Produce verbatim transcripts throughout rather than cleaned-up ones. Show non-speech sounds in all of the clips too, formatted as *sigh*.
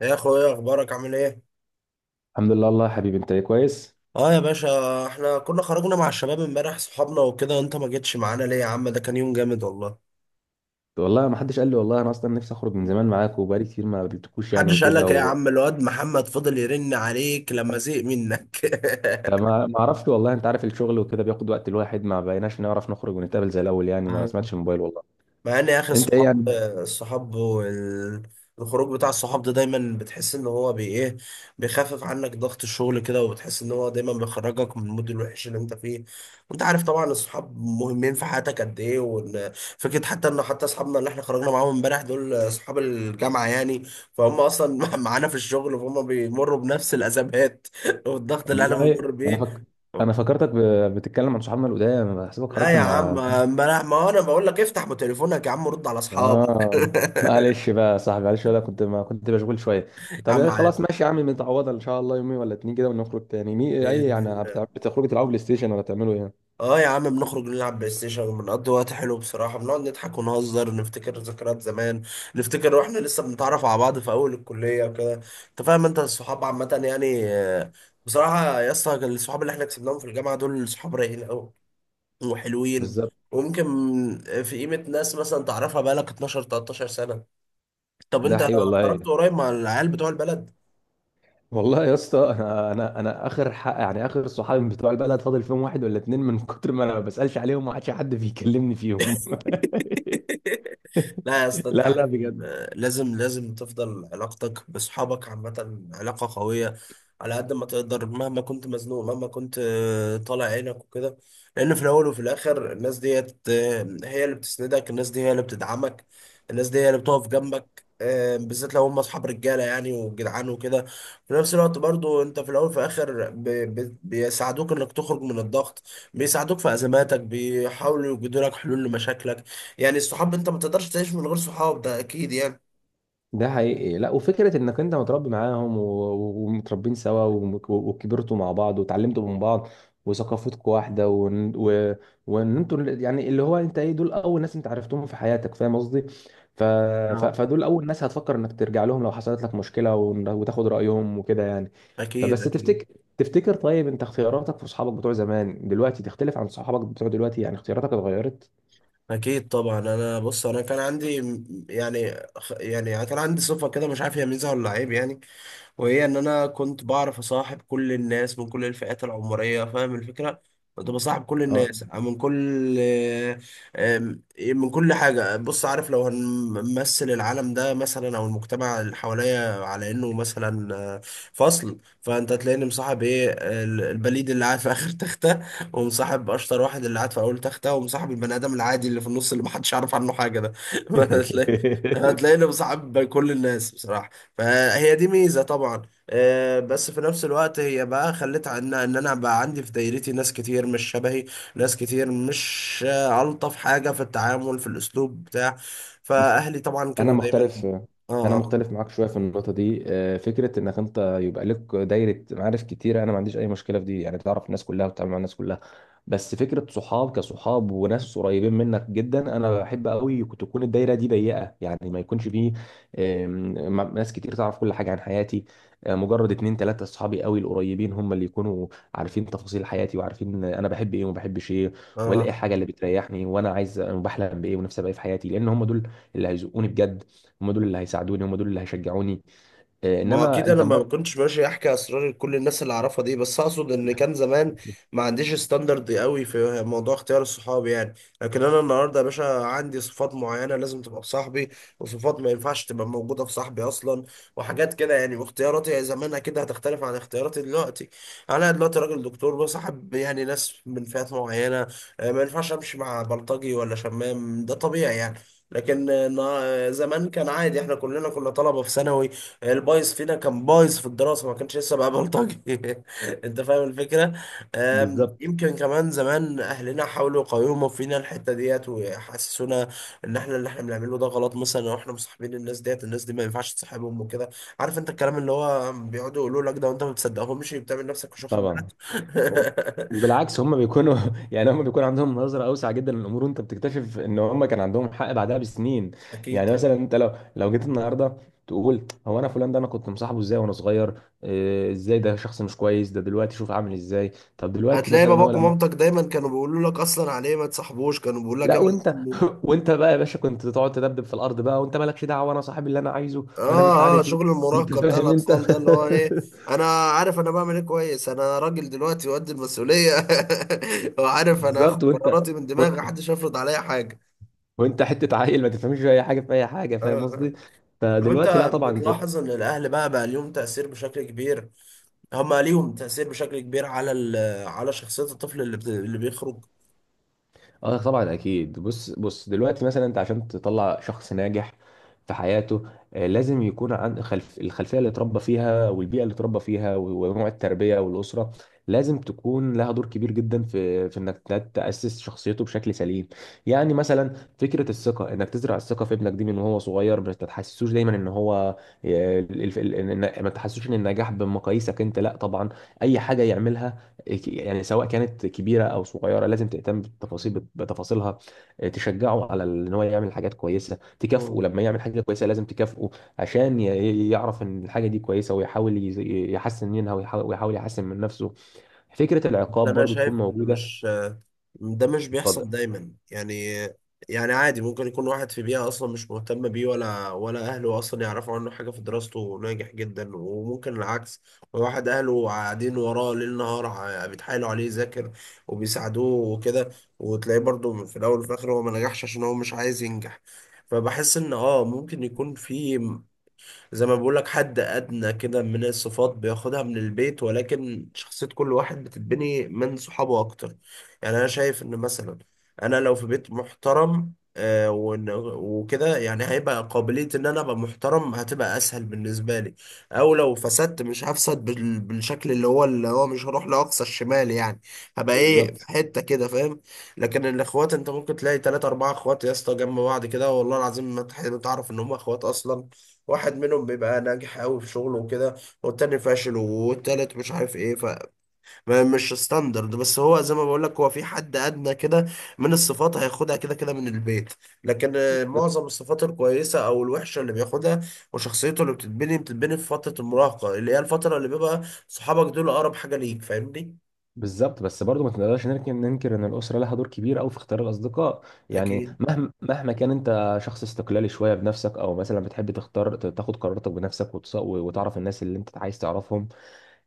يا اخويا اخبارك عامل ايه؟ الحمد لله والله يا حبيبي، انت ايه، كويس؟ اه يا باشا، احنا كنا خرجنا مع الشباب امبارح صحابنا وكده، انت ما جيتش معانا ليه يا عم؟ ده كان يوم جامد والله. والله ما حدش قال لي، والله انا اصلا نفسي اخرج من زمان معاك، وبقالي كتير ما قابلتكوش يعني محدش قال وكده لك إيه يا و... عم؟ الواد محمد فضل يرن عليك لما زهق منك. طب ما ما اعرفش والله، انت عارف الشغل وكده بياخد وقت، الواحد ما بقيناش نعرف نخرج ونتقابل زي الاول *laughs* يعني، ما آه. سمعتش الموبايل والله. مع ان يا اخي انت ايه الصحاب يعني؟ الصحاب وال- الخروج بتاع الصحاب ده دايما بتحس ان هو بي ايه، بيخفف عنك ضغط الشغل كده، وبتحس ان هو دايما بيخرجك من المود الوحش اللي انت فيه. وانت عارف طبعا الصحاب مهمين في حياتك قد ايه، وان فكره حتى ان حتى اصحابنا اللي احنا خرجنا معاهم امبارح دول اصحاب الجامعه يعني، فهم اصلا *laughs* معانا في الشغل، فهم بيمروا بنفس الازمات *laughs* والضغط اللي انا والله بمر انا بيه. فك... انا فكرتك ب... بتتكلم عن صحابنا القدام، بحسبك لا خرجت يا عم، مع... امبارح ما انا بقول لك افتح تليفونك يا عم، رد على اصحابك اه. *laughs* معلش بقى يا صاحبي، معلش، ولا كنت، ما كنت مشغول شويه. يا طب ايه، عم عادي، خلاص ماشي يا عم، متعوضه ان شاء الله، يومين ولا اتنين كده ونخرج تاني مي... اي بإذن يعني الله. بتاع- بتخرجوا تلعبوا بلاي ستيشن ولا تعملوا ايه؟ اه يا عم، بنخرج نلعب بلاي ستيشن وبنقضي وقت حلو بصراحة، بنقعد نضحك ونهزر، نفتكر ذكريات زمان، نفتكر واحنا لسه بنتعرف على بعض في أول الكلية وكده. انت فاهم؟ انت الصحاب عامة يعني آه، بصراحة يا اسطى، الصحاب اللي احنا كسبناهم في الجامعة دول صحاب رايقين أوي وحلوين. بالظبط. وممكن في قيمة ناس مثلا تعرفها بقالك اتناشر تلتاشر سنة. طب ده انت حقيقي والله. خرجت قريب مع العيال بتوع البلد؟ والله يا اسطى، انا انا انا اخر حق يعني، اخر صحابي بتوع البلد فاضل فيهم واحد ولا اتنين، من كتر ما انا ما بسالش عليهم ما عادش حد بيكلمني فيهم. لا يا *laughs* اسطى، انت لا، لا، عارف ان بجد. لازم لازم تفضل علاقتك باصحابك عامة علاقة قوية على قد ما تقدر، مهما كنت مزنوق، مهما كنت آه، طالع عينك وكده. لان في الاول وفي الاخر الناس ديت آه، هي اللي بتسندك، الناس دي هي اللي بتدعمك، الناس دي هي اللي بتقف جنبك آه، بالذات لو هم اصحاب رجاله يعني وجدعان وكده. في نفس الوقت برضو، انت في الاول وفي الاخر ب- ب- بيساعدوك انك تخرج من الضغط، بيساعدوك في ازماتك، بيحاولوا يوجدوا لك حلول لمشاكلك. يعني الصحاب انت ما تقدرش تعيش من غير صحاب، ده اكيد يعني. ده حقيقي. لا، وفكره انك انت متربي معاهم و- و- ومتربين سوا وم- وكبرتوا مع بعض وتعلمتوا من بعض وثقافتكم واحده وان و- وان انتوا ال- يعني اللي هو انت ايه دول اول ناس انت عرفتهم في حياتك، فاهم قصدي؟ ف... ف... اه. فدول اول ناس هتفكر انك ترجع لهم لو حصلت لك مشكله، ون- وتاخد رايهم وكده يعني. اكيد فبس اكيد تفتكر تفتكر، طيب انت اختياراتك في اصحابك بتوع زمان دلوقتي تختلف عن صحابك بتوع دلوقتي يعني؟ اختياراتك اتغيرت؟ اكيد طبعا. انا بص، انا كان عندي م- يعني خ- يعني كان عندي صفه كده، مش عارف هي ميزه ولا عيب يعني. وهي ان انا كنت بعرف اصاحب كل الناس من كل الفئات العمريه، فاهم الفكره؟ كنت بصاحب كل اه. الناس من كل آم، من كل حاجه. بص، عارف لو هنمثل العالم ده مثلا او المجتمع اللي حواليا على انه مثلا آه، فصل، فانت هتلاقيني مصاحب ايه ال- البليد اللي قاعد في اخر تخته، ومصاحب اشطر واحد اللي قاعد في اول تخته، ومصاحب البني ادم العادي اللي في النص اللي محدش يعرف عنه حاجه ده *laughs* هتلاقي *laughs* هتلاقيني مصاحب كل الناس بصراحه. فهي دي ميزة طبعا. آه، بس في نفس الوقت هي بقى خلت عنها ان انا بقى عندي في دايرتي ناس كتير مش شبهي، ناس كتير مش آه، الطف حاجة في التعامل في الاسلوب بتاع. بص، فاهلي طبعا انا كانوا دايما. مختلف. انا اه، مختلف معاك شويه في النقطه دي. آه، فكره انك انت يبقى لك دايره معارف كتيره انا ما عنديش اي مشكله في دي، يعني تعرف الناس كلها وتتعامل مع الناس كلها. بس فكره صحاب كصحاب وناس قريبين منك جدا انا بحب قوي تكون الدايره دي ضيقه، يعني ما يكونش فيه آم، م- ناس كتير تعرف كل حاجه عن حياتي. آه، مجرد اتنين تلاته صحابي قوي القريبين هم اللي يكونوا عارفين تفاصيل حياتي وعارفين انا بحب ايه وما بحبش ايه. اه، والاقي آه. حاجه اللي بتريحني، وانا عايز وبحلم بايه ونفسي ابقى ايه في حياتي، لان هم دول اللي هيزقوني بجد. هم دول اللي هيساعدوني، هم دول اللي هيشجعوني. آه، ما انما اكيد انا انت ما مب... كنتش ماشي احكي اسرار لكل الناس اللي اعرفها دي، بس اقصد ان كان زمان ما عنديش ستاندرد قوي في موضوع اختيار الصحاب يعني. لكن انا النهارده يا باشا عندي صفات معينه لازم تبقى في صاحبي، وصفات ما ينفعش تبقى موجوده في صاحبي اصلا، وحاجات كده يعني. واختياراتي زمان اكيد هتختلف عن اختياراتي دلوقتي. انا دلوقتي راجل دكتور، بصاحب يعني ناس من فئات معينه، آه، ما ينفعش امشي مع بلطجي ولا شمام، ده طبيعي يعني. لكن آه، نا- زمان كان عادي، احنا كلنا كنا طلبه في ثانوي، البايظ فينا كان بايظ في الدراسة، ما كانش لسه بقى بلطجي *laughs* انت فاهم الفكرة؟ أم، بالظبط. *laughs* يمكن كمان زمان اهلنا حاولوا يقاوموا فينا الحتة ديت ويحسسونا ان احنا اللي احنا بنعمله ده غلط، مثلا لو احنا مصاحبين الناس ديت، الناس دي ما ينفعش تصاحبهم وكده. عارف انت الكلام اللي هو بيقعدوا يقولوا لك ده وانت ما بتصدقهمش، بتعمل نفسك مش واخد طبعا. بالك وبالعكس هم بيكونوا *laughs* يعني هم بيكون عندهم نظرة أوسع جدا للأمور، وأنت بتكتشف إن هم كان عندهم حق بعدها بسنين. *laughs* اكيد يعني مثلا طبعا. أنت لو لو جيت النهاردة تقول هو أنا فلان ده أنا كنت مصاحبه إزاي وأنا صغير؟ إيه، إزاي ده شخص مش كويس، ده دلوقتي شوف عامل إزاي. طب دلوقتي هتلاقي مثلا هو باباك لما... ومامتك دايما كانوا بيقولوا لك اصلا عليه ما تصاحبوش، كانوا بيقولوا لك لا، ابعد وانت عنه. *laughs* وانت بقى يا باشا كنت تقعد تدبدب في الارض بقى، وانت مالكش دعوه، انا صاحب اللي انا عايزه انا مش اه اه، عارف ايه. شغل انت المراهقه بتاع فاهم انت؟ الاطفال ده اللي هو *laughs* ايه. انا عارف انا بعمل ايه كويس، انا راجل دلوقتي وقد المسؤوليه *laughs* وعارف انا هاخد بالظبط. وانت قراراتي من و- دماغي، محدش هيفرض عليا حاجه. وانت حته عيل ما تفهمش في اي حاجه، في اي حاجه، اه. فاهم آه. قصدي؟ طب انت فدلوقتي لا طبعا انت. بتلاحظ ان الاهل بقى بقى ليهم تاثير بشكل كبير، هم ليهم تاثير بشكل كبير على ال- على شخصيه الطفل اللي بت- اللي بيخرج. اه طبعا اكيد. بص، بص، دلوقتي مثلا انت عشان تطلع شخص ناجح في حياته، آه، لازم يكون عن خلف الخلفيه اللي اتربى فيها والبيئه اللي اتربى فيها و- ونوع التربيه والاسره لازم تكون لها دور كبير جدا في في انك ت- تاسس شخصيته بشكل سليم. يعني مثلا فكره الثقه، انك تزرع الثقه في ابنك دي من وهو صغير، ما تحسسوش دايما ان هو آه، الف- ال- إن- ما تحسسوش ان النجاح بمقاييسك انت، لا طبعا. اي حاجه يعملها، يعني سواء كانت كبيره او صغيره، لازم تهتم بالتفاصيل بتفاصيلها. آه، تشجعه على ان هو يعمل حاجات كويسه، تكافئه مم. لما يعمل حاجه كويسه، لازم تكافئه عشان ي- يعرف ان الحاجه دي كويسه، ويحاول يز- يحسن منها ويحاول ويحاول يحسن من نفسه. فكره ده العقاب انا برضو تكون شايف ان موجوده. مش، ده مش اتفضل. بيحصل دايما يعني. يعني عادي، ممكن يكون واحد في بيئة أصلا مش مهتم بيه، ولا ولا أهله أصلا يعرفوا عنه حاجة في دراسته وناجح جدا، وممكن العكس. واحد أهله قاعدين وراه ليل نهار ع- بيتحايلوا عليه يذاكر وبيساعدوه وكده، وتلاقيه برضه في الأول وفي الآخر هو ما نجحش عشان هو مش عايز ينجح. فبحس إن آه ممكن يكون في، زي ما بقولك، حد أدنى كده من الصفات بياخدها من البيت، ولكن شخصية كل واحد بتتبني من صحابه أكتر. يعني أنا شايف إن مثلا أنا لو في بيت محترم آه، وإن- وكده، يعني هيبقى قابلية إن أنا أبقى محترم هتبقى أسهل بالنسبة لي، أو لو فسدت مش هفسد بال- بالشكل اللي هو اللي هو مش هروح لأقصى الشمال يعني، هبقى إيه في بالظبط، حتة كده، فاهم؟ لكن الإخوات أنت ممكن تلاقي تلاتة أربعة إخوات يا اسطى جنب بعض كده، والله العظيم ما تح- ما تعرف إن هم إخوات أصلا. واحد منهم بيبقى ناجح قوي في شغله وكده، والتاني فاشل، والتالت مش عارف ايه. فمش ستاندرد، بس هو زي ما بقول لك، هو في حد ادنى كده من الصفات هياخدها كده كده من البيت. لكن آه، معظم الصفات الكويسه او الوحشه اللي بياخدها وشخصيته اللي بتتبني بتتبني في فتره المراهقه، اللي هي الفتره اللي بيبقى صحابك دول اقرب حاجه ليك، فاهمني؟ بالظبط، بس برضو ما تقدرش ننكر ننكر ان الاسره لها دور كبير قوي في اختيار الاصدقاء. يعني اكيد. مهما مهما كان انت شخص استقلالي شويه بنفسك، او مثلا بتحب تختار ت- تاخد قراراتك بنفسك وتص- وتعرف الناس اللي انت عايز تعرفهم.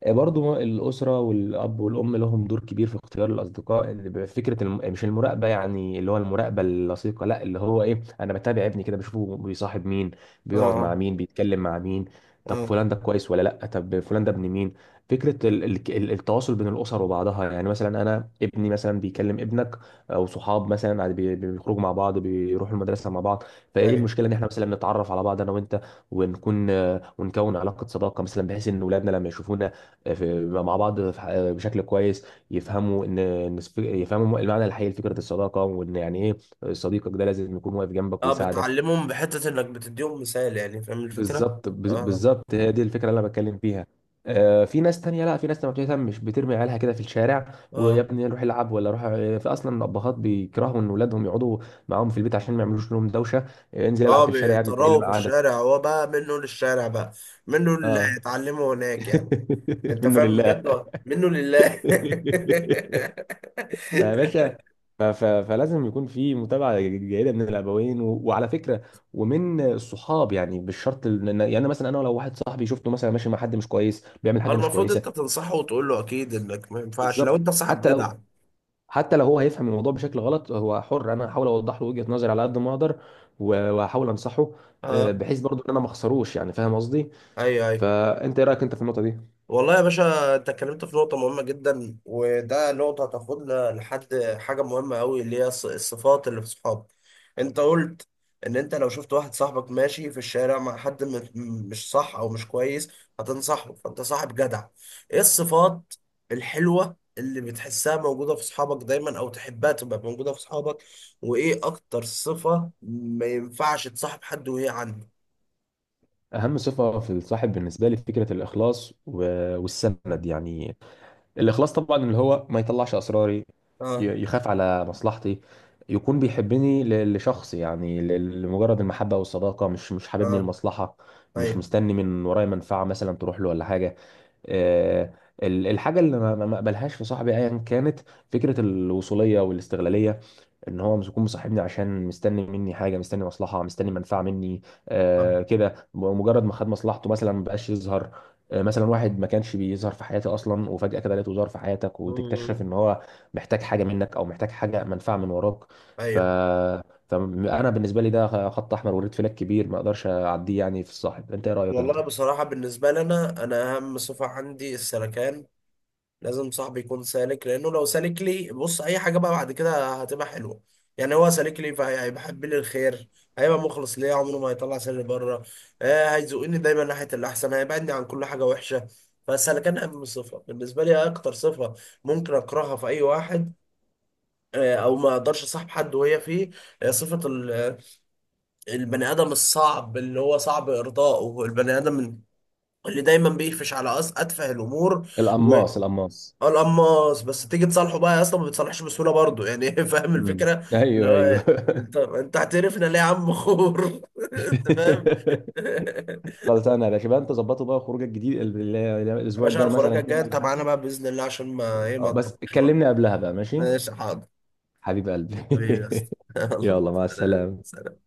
آه، برضو الأسرة والأب والأم لهم دور كبير في اختيار الأصدقاء، اللي بيبقى فكرة الم... مش المراقبة يعني، اللي هو المراقبة اللصيقة، لا، اللي هو إيه أنا بتابع ابني كده، بشوفه بيصاحب مين، بيقعد مع اه. مين، بيتكلم مع مين. طب اه. فلان ده كويس ولا لا؟ طب فلان ده ابن مين؟ فكرة ال... ال... ال- التواصل بين الأسر وبعضها، يعني مثلا أنا ابني مثلا بيكلم ابنك، أو صحاب مثلا عاد بي... بيخرجوا مع بعض، بيروحوا المدرسة مع بعض. اه. فإيه ايوه. المشكلة إن إحنا مثلا نتعرف على بعض أنا وأنت، ونكون ونكون علاقة صداقة مثلا، بحيث إن ولادنا لما يشوفونا في- مع بعض في ح- بشكل كويس، يفهموا ان إن السف- يفهموا المعنى الحقيقي لفكره الصداقه، وان يعني ايه صديقك ده لازم يكون واقف جنبك اه. ويساعدك. بتعلمهم بحته انك بتديهم مثال يعني، فاهم الفكره؟ بالظبط بز- اه. بالظبط هي دي الفكره اللي انا بتكلم فيها. آه، في ناس تانية، لا في ناس ما بتهتمش، بترمي عيالها كده في الشارع، ويا اه. ابني روح العب ولا روح. آه، في اصلا الابهات بيكرهوا ان اولادهم يقعدوا معاهم في البيت عشان ما يعملوش لهم دوشه. آه، انزل العب اه. في الشارع يا ابني، انت ايه اللي بيطلعوا في مقعدك؟ الشارع، هو بقى منه للشارع بقى، منه اللي اه. هيتعلمه هناك *laughs* يعني. انت منه فاهم لله. بجد ولا؟ منه لله. *laughs* فيا باشا، ف- ف- فلازم يكون في متابعه جيده من الابوين، و- وعلى فكره ومن الصحاب يعني، مش شرط ال- إن- يعني مثلا انا لو واحد صاحبي شفته مثلا ماشي مع حد مش كويس، بيعمل *laughs* حاجه مش المفروض كويسه. انت تنصحه وتقول له اكيد، انك ما ينفعش لو بالظبط. انت صاحب حتى لو جدع. حتى لو هو هيفهم الموضوع بشكل غلط هو حر، انا هحاول اوضح له وجهه نظري على قد ما اقدر، و- وهحاول انصحه. آه، اه. بحيث برضو ان انا ما اخسروش يعني، فاهم قصدي؟ ايوه ايوه. فانت ايه رايك انت في النقطه دي؟ والله يا باشا، انت اتكلمت في نقطة مهمة جدا، وده نقطة هتاخدنا لحد حاجة مهمة أوي، اللي هي الص- الصفات اللي في الصحاب. انت قلت ان انت لو شفت واحد صاحبك ماشي في الشارع مع حد م- م- مش صح او مش كويس هتنصحه، فانت صاحب جدع. ايه الصفات الحلوة اللي بتحسها موجودة في صحابك دايما او تحبها تبقى موجودة في صحابك؟ وايه اكتر صفة ما ينفعش تصاحب حد وهي عنده؟ اهم صفه في الصاحب بالنسبه لي فكره الاخلاص و- والسند يعني. الاخلاص طبعا، اللي هو ما يطلعش اسراري، اه. ي- يخاف على مصلحتي، يكون بيحبني ل- لشخص يعني، ل- لمجرد المحبة والصداقة، مش مش حاببني اه. المصلحة، مش ايوه. مستني من ورايا منفعة مثلا تروح له ولا حاجة. آه، ال- الحاجة اللي ما ما- ما اقبلهاش في صاحبي ايا كانت، فكرة الوصولية والاستغلالية، ان هو مش يكون مصاحبني عشان مستني مني حاجه، مستني مصلحه، مستني منفعه مني. اه. آه كده مجرد ما خد مصلحته مثلا ما بقاش يظهر. آه مثلا واحد ما كانش بيظهر في حياتي اصلا، وفجاه كده لقيته ظهر في حياتك، وتكتشف مم. ان هو محتاج حاجه منك او محتاج حاجه، منفعه من وراك. ف ايوه. فانا بالنسبه لي ده خط احمر وريد فلاج كبير، ما اقدرش اعديه يعني في الصاحب. انت ايه رايك انت؟ والله بصراحة بالنسبة لنا، أنا أهم صفة عندي السلكان، لازم صاحبي يكون سالك. لأنه لو سالك لي بص، أي حاجة بقى بعد كده هتبقى حلوة. يعني هو سالك لي، فهيحب لي الخير، هيبقى مخلص ليا، عمره ما هيطلع سالي بره. آه، هيزقني دايما ناحية الأحسن، هيبعدني عن كل حاجة وحشة. فالسلكان أهم صفة بالنسبة لي. أكتر صفة ممكن أكرهها في أي واحد، آه، او ما اقدرش اصاحب حد وهي فيه، آه، صفة ال- البني ادم الصعب اللي هو صعب ارضائه، البني ادم اللي دايما بيقفش على أس أتفه الأمور، القماص، القماص. والقماص. بس تيجي تصالحه بقى، أصلا ما بتصالحش بسهولة برضه يعني *laughs* فاهم امم، الفكرة؟ ايوه، ايوه. لا، انت انت هتقرفنا ليه يا عم خور؟ *laughs* انت فاهم؟ *laughs* *laughs* خلاص انا يا باشا بقى، انت ظبطه بقى خروجك الجديد ال- ال- يا الاسبوع باشا، الجاي مثلا الخراجه كده الجايه انت ولا معانا حاجه؟ بقى باذن الله، عشان ما ايه، ما آه، بس اضربكش بقى. كلمني قبلها بقى، ماشي. ماشي، حاضر. حبيب قلبي. حبيبي يا *laughs* اسطى *laughs* يلا سلام. يلا، مع السلامه. سلام.